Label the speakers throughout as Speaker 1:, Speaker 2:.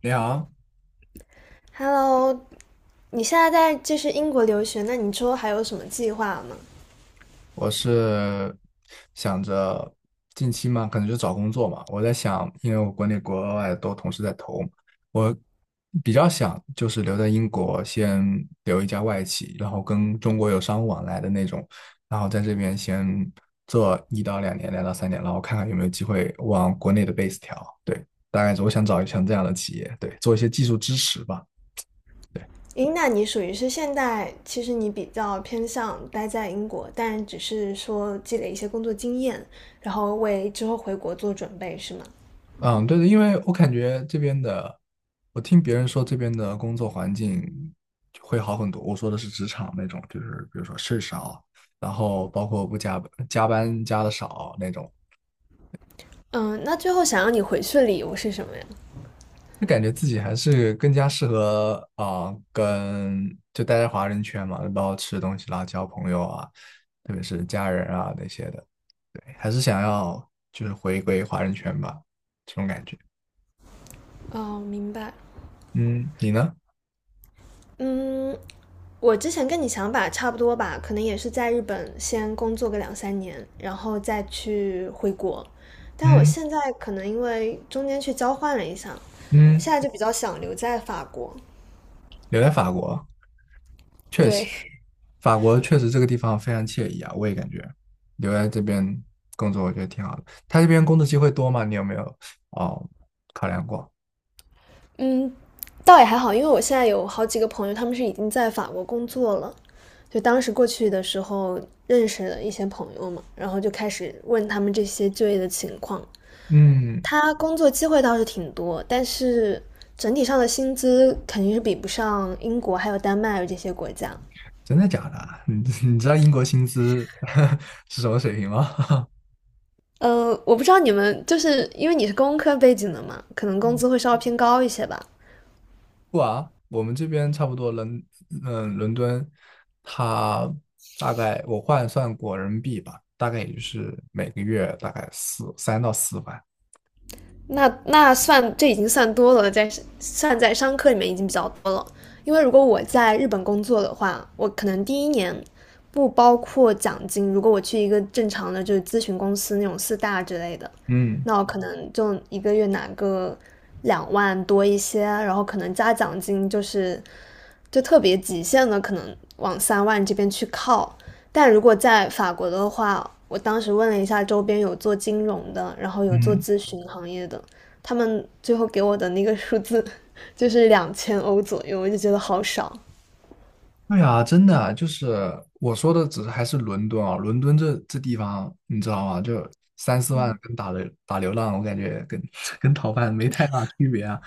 Speaker 1: 你好，
Speaker 2: Hello，你现在在就是英国留学，那你之后还有什么计划吗？
Speaker 1: 我是想着近期嘛，可能就找工作嘛。我在想，因为我国内国外都同时在投嘛。我比较想就是留在英国，先留一家外企，然后跟中国有商务往来的那种，然后在这边先做1到2年，2到3年，然后看看有没有机会往国内的 base 调。对，大概是我想找一想这样的企业，对，做一些技术支持吧。对。
Speaker 2: 诶，那你属于是现在，其实你比较偏向待在英国，但只是说积累一些工作经验，然后为之后回国做准备，是吗？
Speaker 1: 嗯，对的，因为我感觉这边的，我听别人说这边的工作环境会好很多。我说的是职场那种，就是比如说事儿少，然后包括不加加班加的少那种。
Speaker 2: 嗯，那最后想让你回去的理由是什么呀？
Speaker 1: 就感觉自己还是更加适合啊、跟就待在华人圈嘛，包括吃东西啦、交朋友啊，特别是家人啊那些的，对，还是想要就是回归华人圈吧，这种感觉。
Speaker 2: 哦，明白。
Speaker 1: 嗯，你呢？
Speaker 2: 嗯，我之前跟你想法差不多吧，可能也是在日本先工作个2、3年，然后再去回国。但我
Speaker 1: 嗯
Speaker 2: 现在可能因为中间去交换了一下，现
Speaker 1: 嗯，
Speaker 2: 在就比较想留在法国。
Speaker 1: 留在法国。确实，
Speaker 2: 对，
Speaker 1: 法国确实这个地方非常惬意啊，我也感觉留在这边工作，我觉得挺好的。他这边工作机会多吗？你有没有哦考量过？
Speaker 2: 嗯，倒也还好，因为我现在有好几个朋友，他们是已经在法国工作了。就当时过去的时候认识了一些朋友嘛，然后就开始问他们这些就业的情况。
Speaker 1: 嗯，
Speaker 2: 他工作机会倒是挺多，但是整体上的薪资肯定是比不上英国还有丹麦这些国家。
Speaker 1: 真的假的啊 你知道英国薪资 是什么水平吗？
Speaker 2: 我不知道你们就是因为你是工科背景的嘛，可能工资会 稍微偏高一些吧。
Speaker 1: 不啊，我们这边差不多伦敦，它大概我换算过人民币吧，大概也就是每个月大概3到4万。
Speaker 2: 那算这已经算多了，算在商科里面已经比较多了。因为如果我在日本工作的话，我可能第一年不包括奖金。如果我去一个正常的就是咨询公司那种四大之类的，
Speaker 1: 嗯
Speaker 2: 那我可能就一个月拿个2万多一些，然后可能加奖金就是就特别极限的，可能往3万这边去靠。但如果在法国的话，我当时问了一下周边有做金融的，然后有做
Speaker 1: 嗯，
Speaker 2: 咨询行业的，他们最后给我的那个数字 就是2000欧左右，我就觉得好少。
Speaker 1: 对啊，真的啊就是我说的，只是还是伦敦啊，伦敦这地方你知道吗？就3、4万跟打流浪，我感觉跟 跟逃犯没太大区别啊。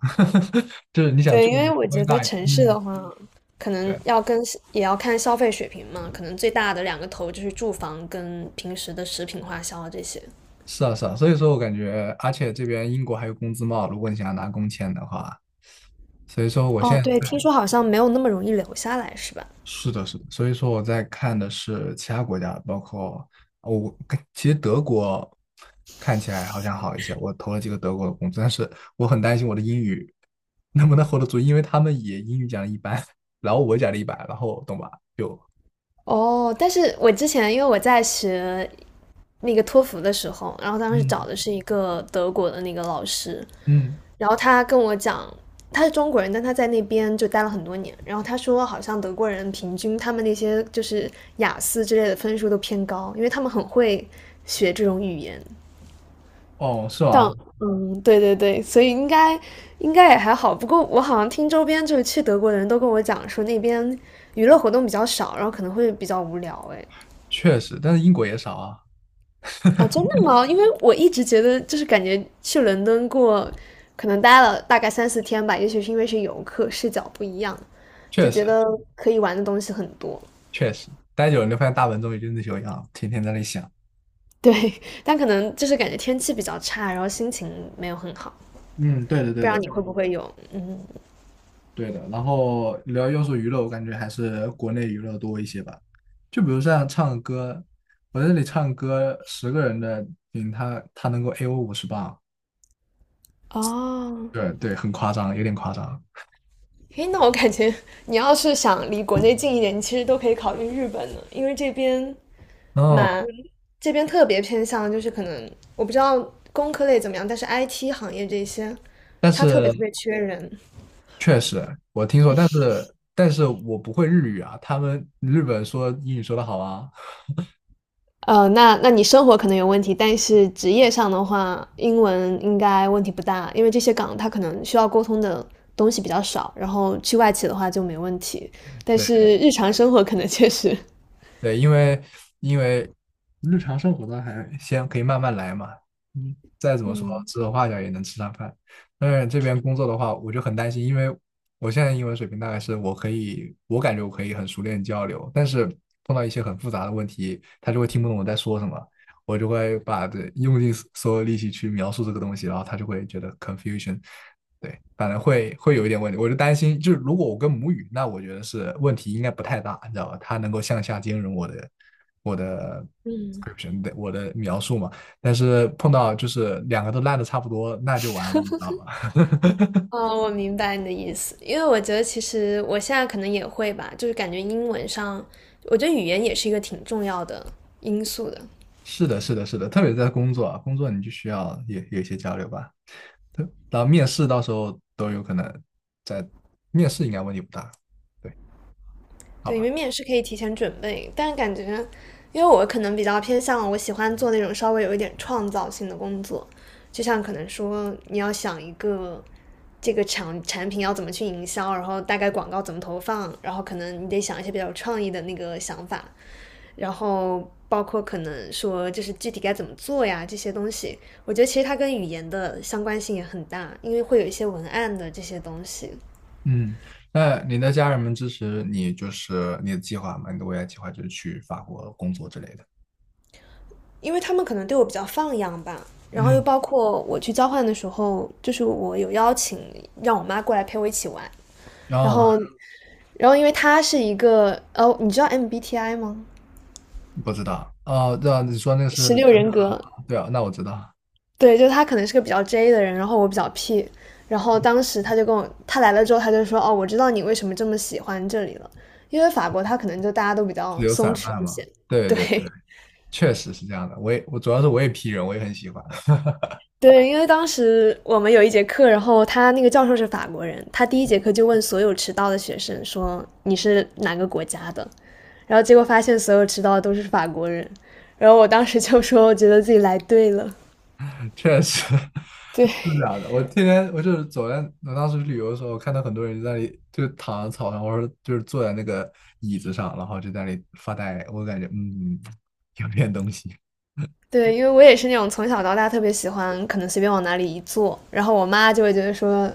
Speaker 1: 就是你想
Speaker 2: 对，
Speaker 1: 住
Speaker 2: 因
Speaker 1: 一个
Speaker 2: 为
Speaker 1: 稍
Speaker 2: 我
Speaker 1: 微
Speaker 2: 觉得
Speaker 1: 大一点，
Speaker 2: 城市的
Speaker 1: 嗯，
Speaker 2: 话，可能
Speaker 1: 对，
Speaker 2: 要跟也要看消费水平嘛，可能最大的两个头就是住房跟平时的食品花销啊这些。
Speaker 1: 是啊是啊，所以说我感觉，而且这边英国还有工资帽，如果你想要拿工签的话，所以说我
Speaker 2: 哦，
Speaker 1: 现在。
Speaker 2: 对，听说好像没有那么容易留下来，是吧？
Speaker 1: 是的，是的，所以说我在看的是其他国家，包括哦我其实德国看起来好像好一些，我投了几个德国的工作，但是我很担心我的英语能不能 hold 得住，因为他们也英语讲的一般，然后我讲的一般，然后懂吧？就
Speaker 2: 哦，但是我之前因为我在学那个托福的时候，然后当时找
Speaker 1: 嗯
Speaker 2: 的是一个德国的那个老师，
Speaker 1: 嗯，
Speaker 2: 然后他跟我讲，他是中国人，但他在那边就待了很多年，然后他说好像德国人平均他们那些就是雅思之类的分数都偏高，因为他们很会学这种语言。
Speaker 1: 哦，是
Speaker 2: 但
Speaker 1: 吗？
Speaker 2: 嗯，对对对，所以应该也还好。不过我好像听周边就是去德国的人都跟我讲说那边娱乐活动比较少，然后可能会比较无聊，哎。
Speaker 1: 确实，但是英国也少啊，
Speaker 2: 啊，真的吗？因为我一直觉得，就是感觉去伦敦过，可能待了大概3、4天吧，也许是因为是游客，视角不一样，就
Speaker 1: 确实
Speaker 2: 觉得可以玩的东西很多。
Speaker 1: 确实，待久了你就发现大本钟也就那修养，天天在那里想。
Speaker 2: 对，但可能就是感觉天气比较差，然后心情没有很好。
Speaker 1: 嗯，对的，
Speaker 2: 不知
Speaker 1: 对
Speaker 2: 道
Speaker 1: 的。
Speaker 2: 你会不会有？嗯，
Speaker 1: 对的，然后聊要秀娱乐，我感觉还是国内娱乐多一些吧。就比如像唱歌，我在这里唱歌，10个人的顶他能够 A 我50磅，
Speaker 2: 哦，
Speaker 1: 对对，很夸张，有点夸张。
Speaker 2: 嘿，那我感觉你要是想离国内近一点，你其实都可以考虑日本呢，因为这边
Speaker 1: 哦，
Speaker 2: 蛮这边特别偏向，就是可能我不知道工科类怎么样，但是 IT 行业这些，
Speaker 1: 但
Speaker 2: 它特别
Speaker 1: 是
Speaker 2: 特别缺人。
Speaker 1: 确实我听说，但是我不会日语啊，他们日本说英语说的好啊。
Speaker 2: 那那你生活可能有问题，但是职业上的话，英文应该问题不大，因为这些岗它可能需要沟通的东西比较少，然后去外企的话就没问题，但
Speaker 1: 对
Speaker 2: 是日常生活可能确实，
Speaker 1: 对，因为日常生活的还先可以慢慢来嘛，嗯，再怎么说
Speaker 2: 嗯
Speaker 1: 指手画脚也能吃上饭。但是这边工作的话，我就很担心，因为我现在英文水平大概是我可以，我感觉我可以很熟练交流，但是碰到一些很复杂的问题，他就会听不懂我在说什么，我就会把这用尽所有力气去描述这个东西，然后他就会觉得 confusion。对，反正会有一点问题，我就担心，就是如果我跟母语，那我觉得是问题应该不太大，你知道吧？它能够向下兼容我的
Speaker 2: 嗯。
Speaker 1: description 的我的描述嘛。但是碰到就是两个都烂的差不多，那就完了，你知道吗？
Speaker 2: 哦，我明白你的意思，因为我觉得其实我现在可能也会吧，就是感觉英文上，我觉得语言也是一个挺重要的因素的。
Speaker 1: 是的，是的，是的，特别在工作啊，工作你就需要有一些交流吧。对，然后面试到时候都有可能在面试应该问题不大，对，好
Speaker 2: 对，因
Speaker 1: 吧。
Speaker 2: 为面试可以提前准备，但是感觉，因为我可能比较偏向，我喜欢做那种稍微有一点创造性的工作，就像可能说你要想一个这个产品要怎么去营销，然后大概广告怎么投放，然后可能你得想一些比较有创意的那个想法，然后包括可能说就是具体该怎么做呀这些东西，我觉得其实它跟语言的相关性也很大，因为会有一些文案的这些东西。
Speaker 1: 嗯，那你的家人们支持你，就是你的计划吗？你的未来计划就是去法国工作之类的。
Speaker 2: 因为他们可能对我比较放养吧。然后又
Speaker 1: 嗯，
Speaker 2: 包括我去交换的时候，就是我有邀请让我妈过来陪我一起玩，然
Speaker 1: 哦，
Speaker 2: 后，然后因为她是一个哦，你知道 MBTI 吗？
Speaker 1: 不知道，哦，对啊，你说那个是，
Speaker 2: 16人格，
Speaker 1: 对啊，那我知道，
Speaker 2: 对，就她可能是个比较 J 的人，然后我比较 P,然后当时她就跟我，她来了之后，她就说哦，我知道你为什么这么喜欢这里了，因为法国她可能就大家都比
Speaker 1: 自
Speaker 2: 较
Speaker 1: 由
Speaker 2: 松
Speaker 1: 散
Speaker 2: 弛
Speaker 1: 漫
Speaker 2: 一
Speaker 1: 嘛，
Speaker 2: 些，
Speaker 1: 对
Speaker 2: 对，
Speaker 1: 对，确实是这样的。我也，我主要是我也 P 人，我也很喜欢，
Speaker 2: 对，因为当时我们有一节课，然后他那个教授是法国人，他第一节课就问所有迟到的学生说你是哪个国家的，然后结果发现所有迟到的都是法国人，然后我当时就说我觉得自己来对了，
Speaker 1: 确实
Speaker 2: 对
Speaker 1: 是这样的。我天天我就是走在，我当时旅游的时候，看到很多人在那里就躺在草上，或者就是坐在那个椅子上，然后就在那里发呆，我感觉有点东西。
Speaker 2: 对，因为我也是那种从小到大特别喜欢，可能随便往哪里一坐，然后我妈就会觉得说，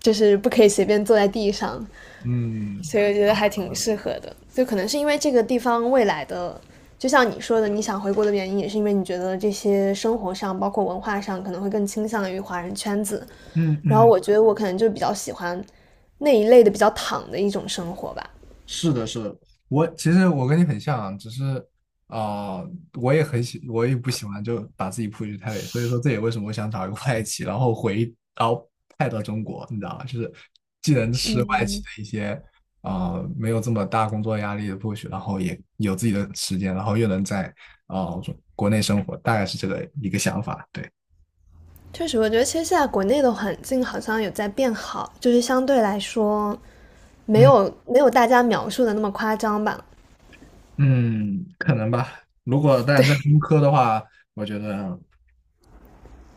Speaker 2: 就是不可以随便坐在地上，
Speaker 1: 嗯，
Speaker 2: 所以我觉得还挺适合的。就可能是因为这个地方未来的，就像你说的，你想回国的原因，也是因为你觉得这些生活上，包括文化上，可能会更倾向于华人圈子。
Speaker 1: 嗯
Speaker 2: 然后
Speaker 1: 嗯，
Speaker 2: 我觉得我可能就比较喜欢那一类的比较躺的一种生活吧。
Speaker 1: 是的，是的，我其实我跟你很像啊，只是啊、我也不喜欢就把自己 push 太累，所以说这也为什么我想找一个外企，然后到派到中国，你知道吗？就是既能吃外企的一些没有这么大工作压力的 push，然后也有自己的时间，然后又能在啊、呃国内生活，大概是这个一个想法，对。
Speaker 2: 确实，我觉得其实现在国内的环境好像有在变好，就是相对来说，没
Speaker 1: 嗯
Speaker 2: 有没有大家描述的那么夸张吧。
Speaker 1: 嗯，可能吧。如果
Speaker 2: 对，
Speaker 1: 但在工科的话，我觉得。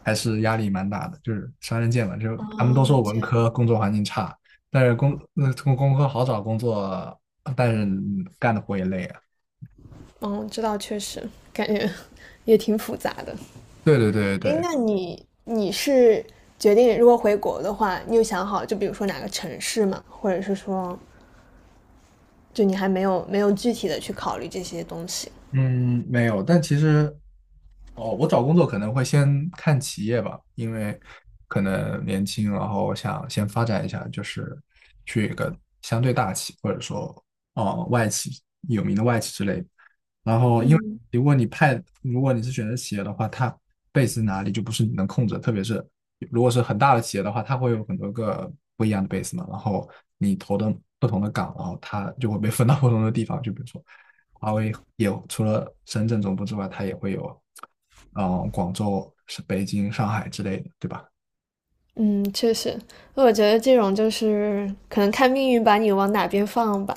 Speaker 1: 还是压力蛮大的，就是双刃剑嘛，就
Speaker 2: 哦，
Speaker 1: 他们都说
Speaker 2: 这
Speaker 1: 文
Speaker 2: 样，
Speaker 1: 科工作环境差，但是工科好找工作，但是干的活也累啊。
Speaker 2: 嗯，知道，确实感觉也挺复杂的。
Speaker 1: 对对对
Speaker 2: 诶，
Speaker 1: 对
Speaker 2: 那你是决定如果回国的话，你有想好就比如说哪个城市吗？或者是说，就你还没有具体的去考虑这些东西？
Speaker 1: 嗯，没有，但其实，哦，我找工作可能会先看企业吧，因为可能年轻，然后想先发展一下，就是去一个相对大企，或者说哦外企有名的外企之类的然后，因为如果你是选择企业的话，它 base 哪里就不是你能控制的特别是如果是很大的企业的话，它会有很多个不一样的 base 嘛，然后你投的不同的岗，然后它就会被分到不同的地方，就比如说。华为也除了深圳总部之外，它也会有，嗯，广州、是北京、上海之类的，对吧？
Speaker 2: 嗯，确实，我觉得这种就是可能看命运把你往哪边放吧。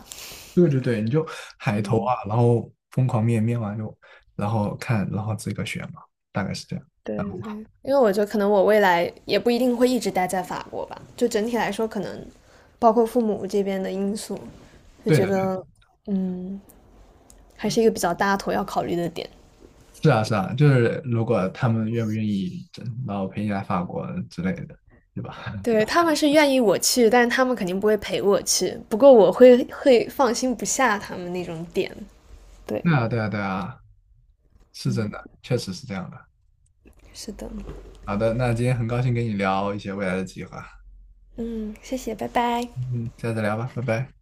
Speaker 1: 对对对，你就 海投
Speaker 2: 嗯，
Speaker 1: 啊，然后疯狂面完就，然后看，然后这个选嘛，大概是这样。
Speaker 2: 对
Speaker 1: 然后
Speaker 2: 对，因为我觉得可能我未来也不一定会一直待在法国吧，就整体来说，可能包括父母这边的因素，就
Speaker 1: 对的，
Speaker 2: 觉
Speaker 1: 对
Speaker 2: 得嗯，还是一个比较大头要考虑的点。
Speaker 1: 是啊是啊，就是如果他们愿不愿意，然后陪你来法国之类的，对吧？
Speaker 2: 对，他们是愿意我去，但是他们肯定不会陪我去。不过我会放心不下他们那种点。
Speaker 1: 对啊对啊对啊，是真的，确实是这样的。
Speaker 2: 是的，
Speaker 1: 好的，那今天很高兴跟你聊一些未来的计划，
Speaker 2: 嗯，谢谢，拜拜。
Speaker 1: 嗯，下次聊吧，拜拜。